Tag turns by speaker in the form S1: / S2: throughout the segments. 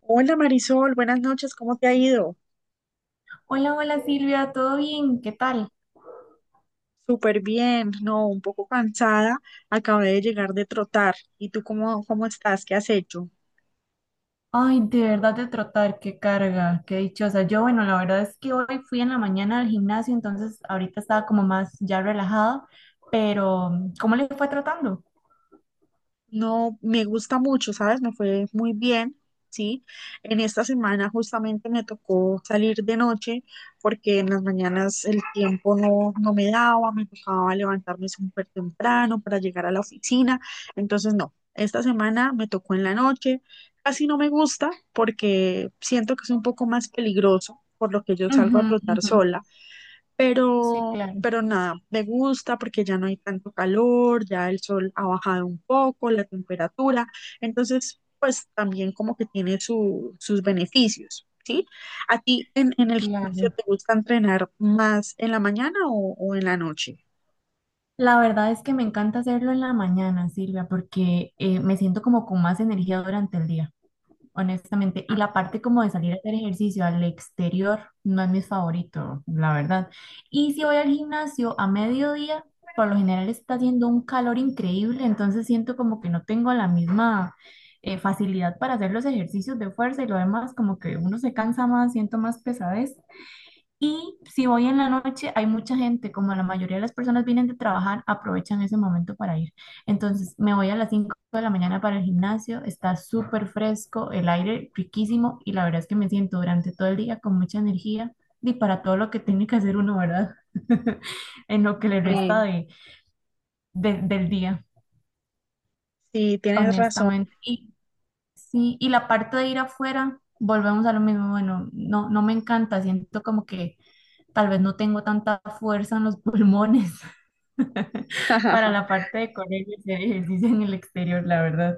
S1: Hola Marisol, buenas noches, ¿cómo te ha ido?
S2: Hola, hola Silvia, ¿todo bien? ¿Qué tal?
S1: Súper bien, no, un poco cansada, acabé de llegar de trotar. ¿Y tú cómo estás? ¿Qué has hecho?
S2: Ay, de verdad de trotar, qué carga, qué dichosa. Yo, bueno, la verdad es que hoy fui en la mañana al gimnasio, entonces ahorita estaba como más ya relajada, pero ¿cómo le fue tratando?
S1: No, me gusta mucho, ¿sabes? Me fue muy bien, ¿sí? En esta semana justamente me tocó salir de noche porque en las mañanas el tiempo no me daba, me tocaba levantarme súper temprano para llegar a la oficina. Entonces, no, esta semana me tocó en la noche. Casi no me gusta porque siento que es un poco más peligroso, por lo que yo salgo
S2: Ujú,
S1: a trotar
S2: ujú.
S1: sola,
S2: Sí,
S1: pero,
S2: claro,
S1: pero nada, me gusta porque ya no hay tanto calor, ya el sol ha bajado un poco, la temperatura, entonces pues también como que tiene sus beneficios, ¿sí? ¿A ti en,
S2: sí,
S1: en el gimnasio
S2: claro.
S1: te gusta entrenar más en la mañana o en la noche?
S2: La verdad es que me encanta hacerlo en la mañana, Silvia, porque me siento como con más energía durante el día, honestamente. Y la parte como de salir a hacer ejercicio al exterior no es mi favorito, la verdad. Y si voy al gimnasio a mediodía, por lo general está haciendo un calor increíble, entonces siento como que no tengo la misma facilidad para hacer los ejercicios de fuerza y lo demás, como que uno se cansa más, siento más pesadez. Y si voy en la noche, hay mucha gente, como la mayoría de las personas vienen de trabajar, aprovechan ese momento para ir. Entonces, me voy a las 5 de la mañana para el gimnasio, está súper fresco, el aire riquísimo y la verdad es que me siento durante todo el día con mucha energía y para todo lo que tiene que hacer uno, ¿verdad? En lo que le resta
S1: Eh,
S2: del día,
S1: sí, tienes razón.
S2: honestamente. Y sí, y la parte de ir afuera, volvemos a lo mismo, bueno, no, no me encanta, siento como que tal vez no tengo tanta fuerza en los pulmones para la parte de correr y hacer ejercicio en el exterior, la verdad.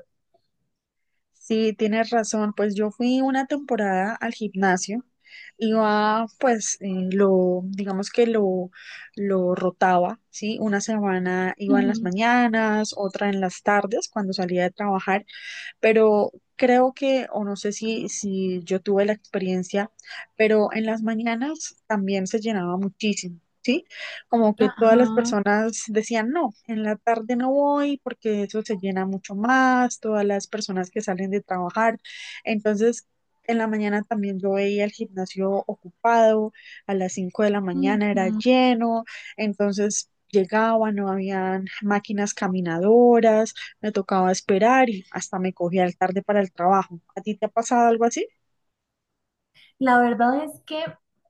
S1: Sí, tienes razón. Pues yo fui una temporada al gimnasio. Iba, pues, digamos que lo rotaba, ¿sí? Una semana iba en las
S2: Ujú.
S1: mañanas, otra en las tardes cuando salía de trabajar, pero creo que, o no sé si yo tuve la experiencia, pero en las mañanas también se llenaba muchísimo. ¿Sí? Como que todas las
S2: Ajá,
S1: personas decían, no, en la tarde no voy porque eso se llena mucho más, todas las personas que salen de trabajar. Entonces, en la mañana también yo veía el gimnasio ocupado, a las 5 de la mañana era
S2: ujú.
S1: lleno, entonces llegaba, no habían máquinas caminadoras, me tocaba esperar y hasta me cogía el tarde para el trabajo. ¿A ti te ha pasado algo así?
S2: La verdad es que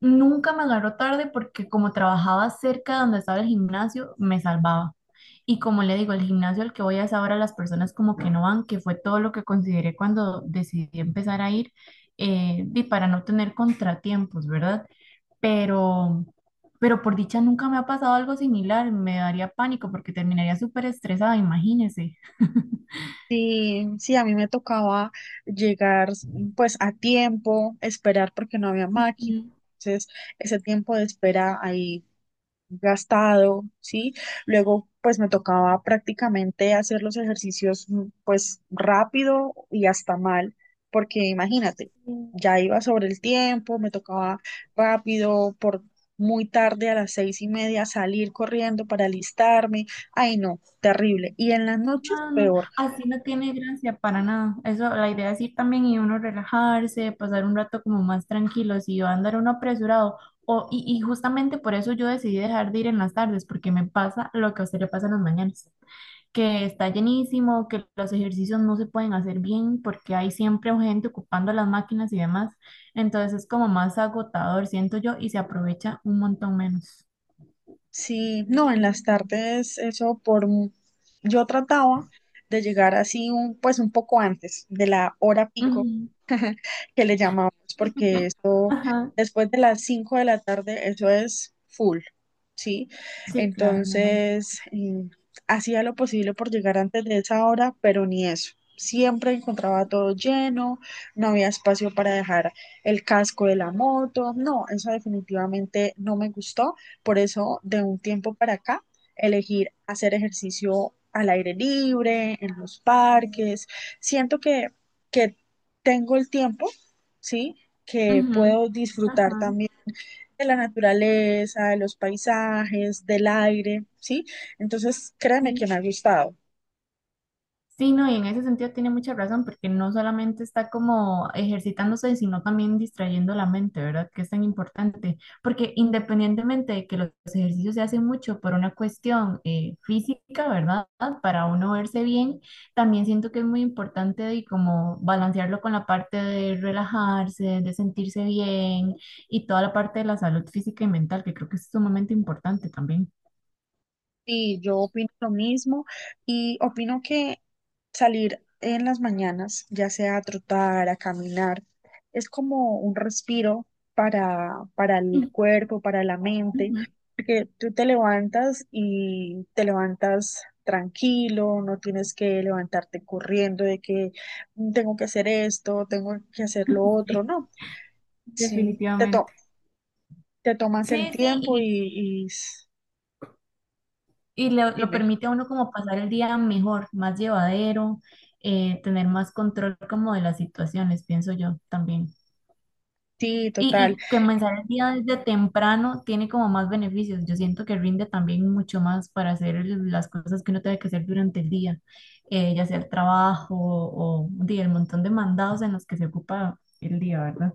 S2: nunca me agarró tarde porque como trabajaba cerca de donde estaba el gimnasio, me salvaba. Y como le digo, el gimnasio al que voy a es ahora las personas como que no van, que fue todo lo que consideré cuando decidí empezar a ir, y para no tener contratiempos, ¿verdad? pero, pero por dicha nunca me ha pasado algo similar, me daría pánico porque terminaría súper estresada, imagínese.
S1: Sí, sí, a mí me tocaba llegar pues a tiempo, esperar porque no había
S2: Ujú.
S1: máquina. Entonces, ese tiempo de espera ahí gastado, ¿sí? Luego, pues me tocaba prácticamente hacer los ejercicios, pues rápido y hasta mal, porque imagínate, ya iba sobre el tiempo, me tocaba rápido, por muy tarde a las 6:30 salir corriendo para alistarme. Ay, no, terrible. Y en las noches,
S2: No, no,
S1: peor.
S2: así no tiene gracia para nada. Eso, la idea es ir también y uno relajarse, pasar un rato como más tranquilo, si va a andar uno apresurado. Y justamente por eso yo decidí dejar de ir en las tardes, porque me pasa lo que a usted le pasa en las mañanas, que está llenísimo, que los ejercicios no se pueden hacer bien porque hay siempre gente ocupando las máquinas y demás. Entonces es como más agotador, siento yo, y se aprovecha un montón menos.
S1: Sí, no, en las tardes, eso. Yo trataba de llegar así un, pues un poco antes de la hora pico
S2: Ujú.
S1: que le llamamos, porque eso,
S2: Ajá,
S1: después de las 5 de la tarde, eso es full. ¿Sí?
S2: sí, claro, me imagino.
S1: Entonces, hacía lo posible por llegar antes de esa hora, pero ni eso. Siempre encontraba todo lleno, no había espacio para dejar el casco de la moto. No, eso definitivamente no me gustó. Por eso, de un tiempo para acá, elegir hacer ejercicio al aire libre, en los parques. Siento que tengo el tiempo, ¿sí? Que
S2: Ujú,
S1: puedo disfrutar
S2: ajá,
S1: también de la naturaleza, de los paisajes, del aire, ¿sí? Entonces, créeme
S2: sí.
S1: que me ha gustado.
S2: Sí, no, y en ese sentido tiene mucha razón, porque no solamente está como ejercitándose, sino también distrayendo la mente, ¿verdad? Que es tan importante, porque independientemente de que los ejercicios se hacen mucho por una cuestión física, ¿verdad? Para uno verse bien, también siento que es muy importante de como balancearlo con la parte de relajarse, de sentirse bien y toda la parte de la salud física y mental, que creo que es sumamente importante también.
S1: Y yo opino lo mismo y opino que salir en las mañanas, ya sea a trotar, a caminar, es como un respiro para el
S2: Mm,
S1: cuerpo, para la mente,
S2: ujú.
S1: porque tú te levantas y te levantas tranquilo, no tienes que levantarte corriendo de que "Mm, tengo que hacer esto, tengo que hacer lo otro,
S2: Sí,
S1: no". Sí,
S2: definitivamente.
S1: te tomas
S2: Sí,
S1: el tiempo
S2: sí, y lo
S1: dime,
S2: permite a uno como pasar el día mejor, más llevadero, tener más control como de las situaciones, pienso yo también.
S1: sí, total,
S2: Y comenzar el día desde temprano tiene como más beneficios. Yo siento que rinde también mucho más para hacer las cosas que uno tiene que hacer durante el día, ya sea el trabajo o, di, el montón de mandados en los que se ocupa el día, ¿verdad?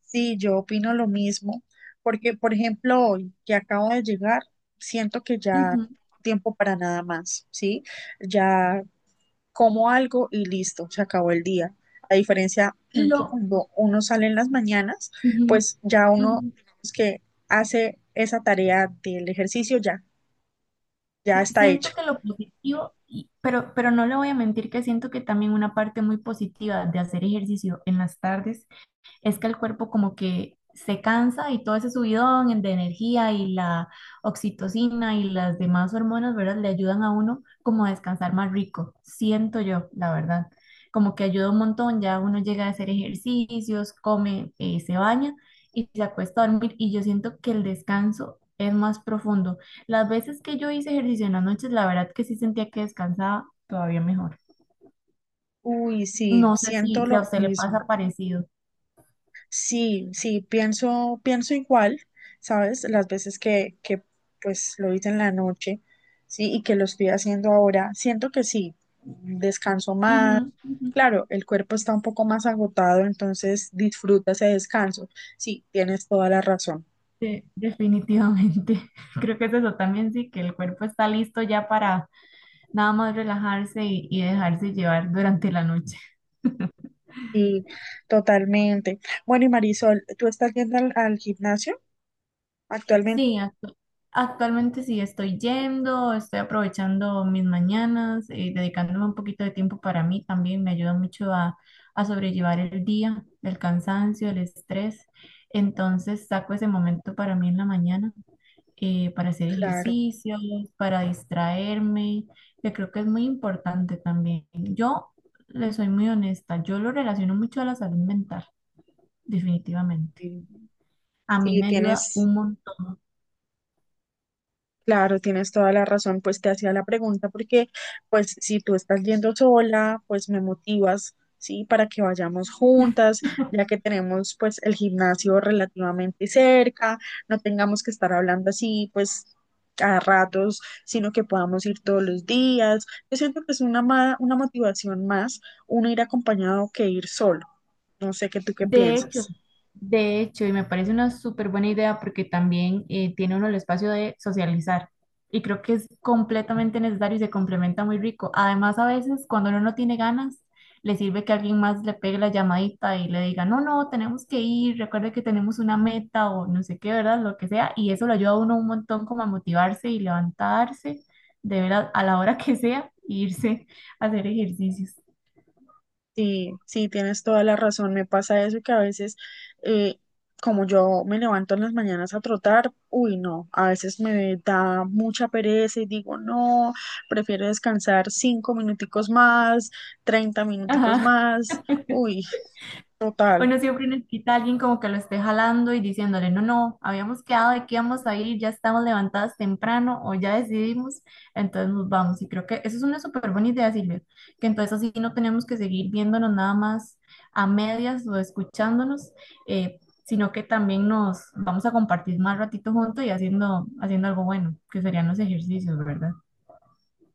S1: sí, yo opino lo mismo, porque por ejemplo, hoy que acabo de llegar, siento que ya no
S2: Ujú.
S1: tengo tiempo para nada más, ¿sí? Ya como algo y listo, se acabó el día. A diferencia que
S2: Lo,
S1: cuando uno sale en las mañanas,
S2: ujú,
S1: pues ya uno,
S2: ujú.
S1: digamos que hace esa tarea del ejercicio, ya
S2: Sí,
S1: está hecho.
S2: siento que lo positivo, pero no le voy a mentir que siento que también una parte muy positiva de hacer ejercicio en las tardes es que el cuerpo como que se cansa y todo ese subidón de energía y la oxitocina y las demás hormonas, ¿verdad? Le ayudan a uno como a descansar más rico, siento yo, la verdad. Como que ayuda un montón, ya uno llega a hacer ejercicios, come, se baña y se acuesta a dormir y yo siento que el descanso es más profundo. Las veces que yo hice ejercicio en las noches, la verdad que sí sentía que descansaba todavía mejor.
S1: Uy, sí,
S2: No sé
S1: siento
S2: si a
S1: lo
S2: usted le
S1: mismo.
S2: pasa parecido.
S1: Sí, sí, pienso igual, ¿sabes? Las veces que pues lo hice en la noche, sí, y que lo estoy haciendo ahora, siento que sí, descanso
S2: Ujú,
S1: más.
S2: ujú.
S1: Claro, el cuerpo está un poco más agotado, entonces disfruta ese descanso. Sí, tienes toda la razón.
S2: Sí, definitivamente. Creo que es eso también, sí, que el cuerpo está listo ya para nada más relajarse y dejarse llevar durante la noche.
S1: Sí, totalmente. Bueno, y Marisol, ¿tú estás yendo al gimnasio actualmente?
S2: Sí, actualmente sí estoy yendo, estoy aprovechando mis mañanas, dedicándome un poquito de tiempo para mí también, me ayuda mucho a sobrellevar el día, el cansancio, el estrés. Entonces saco ese momento para mí en la mañana, para hacer
S1: Claro.
S2: ejercicios, para distraerme, que creo que es muy importante también. Yo le soy muy honesta, yo lo relaciono mucho a la salud mental, definitivamente.
S1: Sí,
S2: A mí
S1: sí,
S2: me ayuda
S1: tienes
S2: un montón.
S1: claro, tienes toda la razón, pues te hacía la pregunta porque pues si tú estás yendo sola, pues me motivas, ¿sí? Para que vayamos juntas, ya que tenemos pues el gimnasio relativamente cerca, no tengamos que estar hablando así pues a ratos, sino que podamos ir todos los días. Yo siento que es una motivación más uno ir acompañado que ir solo. No sé qué tú qué
S2: De hecho,
S1: piensas.
S2: de hecho, y me parece una súper buena idea porque también tiene uno el espacio de socializar. Y creo que es completamente necesario y se complementa muy rico. Además, a veces cuando uno no tiene ganas, le sirve que alguien más le pegue la llamadita y le diga, no, no, tenemos que ir, recuerde que tenemos una meta o no sé qué, ¿verdad? Lo que sea. Y eso lo ayuda a uno un montón como a motivarse y levantarse de verdad a la hora que sea e irse a hacer ejercicios.
S1: Sí, sí, tienes toda la razón. Me pasa eso que a veces, eh, como yo me levanto en las mañanas a trotar, uy, no, a veces me da mucha pereza y digo, no, prefiero descansar 5 minuticos más, 30 minuticos
S2: Ajá.
S1: más. Uy, total.
S2: Uno siempre necesita a alguien como que lo esté jalando y diciéndole, no, no, habíamos quedado de que íbamos a ir, ya estamos levantadas temprano o ya decidimos, entonces nos vamos. Y creo que eso es una súper buena idea, Silvia, que entonces así no tenemos que seguir viéndonos nada más a medias o escuchándonos, sino que también nos vamos a compartir más ratito juntos y haciendo, haciendo algo bueno, que serían los ejercicios, ¿verdad?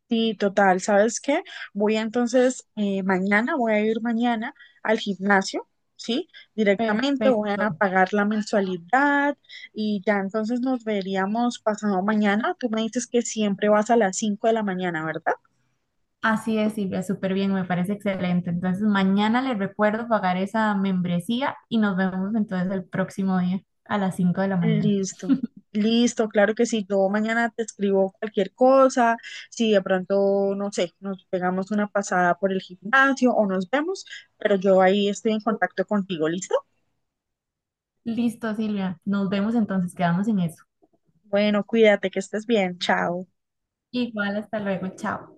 S1: Sí, total. ¿Sabes qué? Voy entonces, mañana, voy a ir mañana al gimnasio, ¿sí? Directamente voy a
S2: Perfecto.
S1: pagar la mensualidad y ya entonces nos veríamos pasado mañana. Tú me dices que siempre vas a las 5 de la mañana, ¿verdad?
S2: Así es, Silvia, súper bien, me parece excelente. Entonces, mañana les recuerdo pagar esa membresía y nos vemos entonces el próximo día a las 5 de la mañana.
S1: Listo, listo, claro que sí. Yo mañana te escribo cualquier cosa. Si de pronto, no sé, nos pegamos una pasada por el gimnasio o nos vemos, pero yo ahí estoy en contacto contigo, ¿listo?
S2: Listo, Silvia, nos vemos entonces, quedamos en eso.
S1: Bueno, cuídate, que estés bien. Chao.
S2: Igual, hasta luego, chao.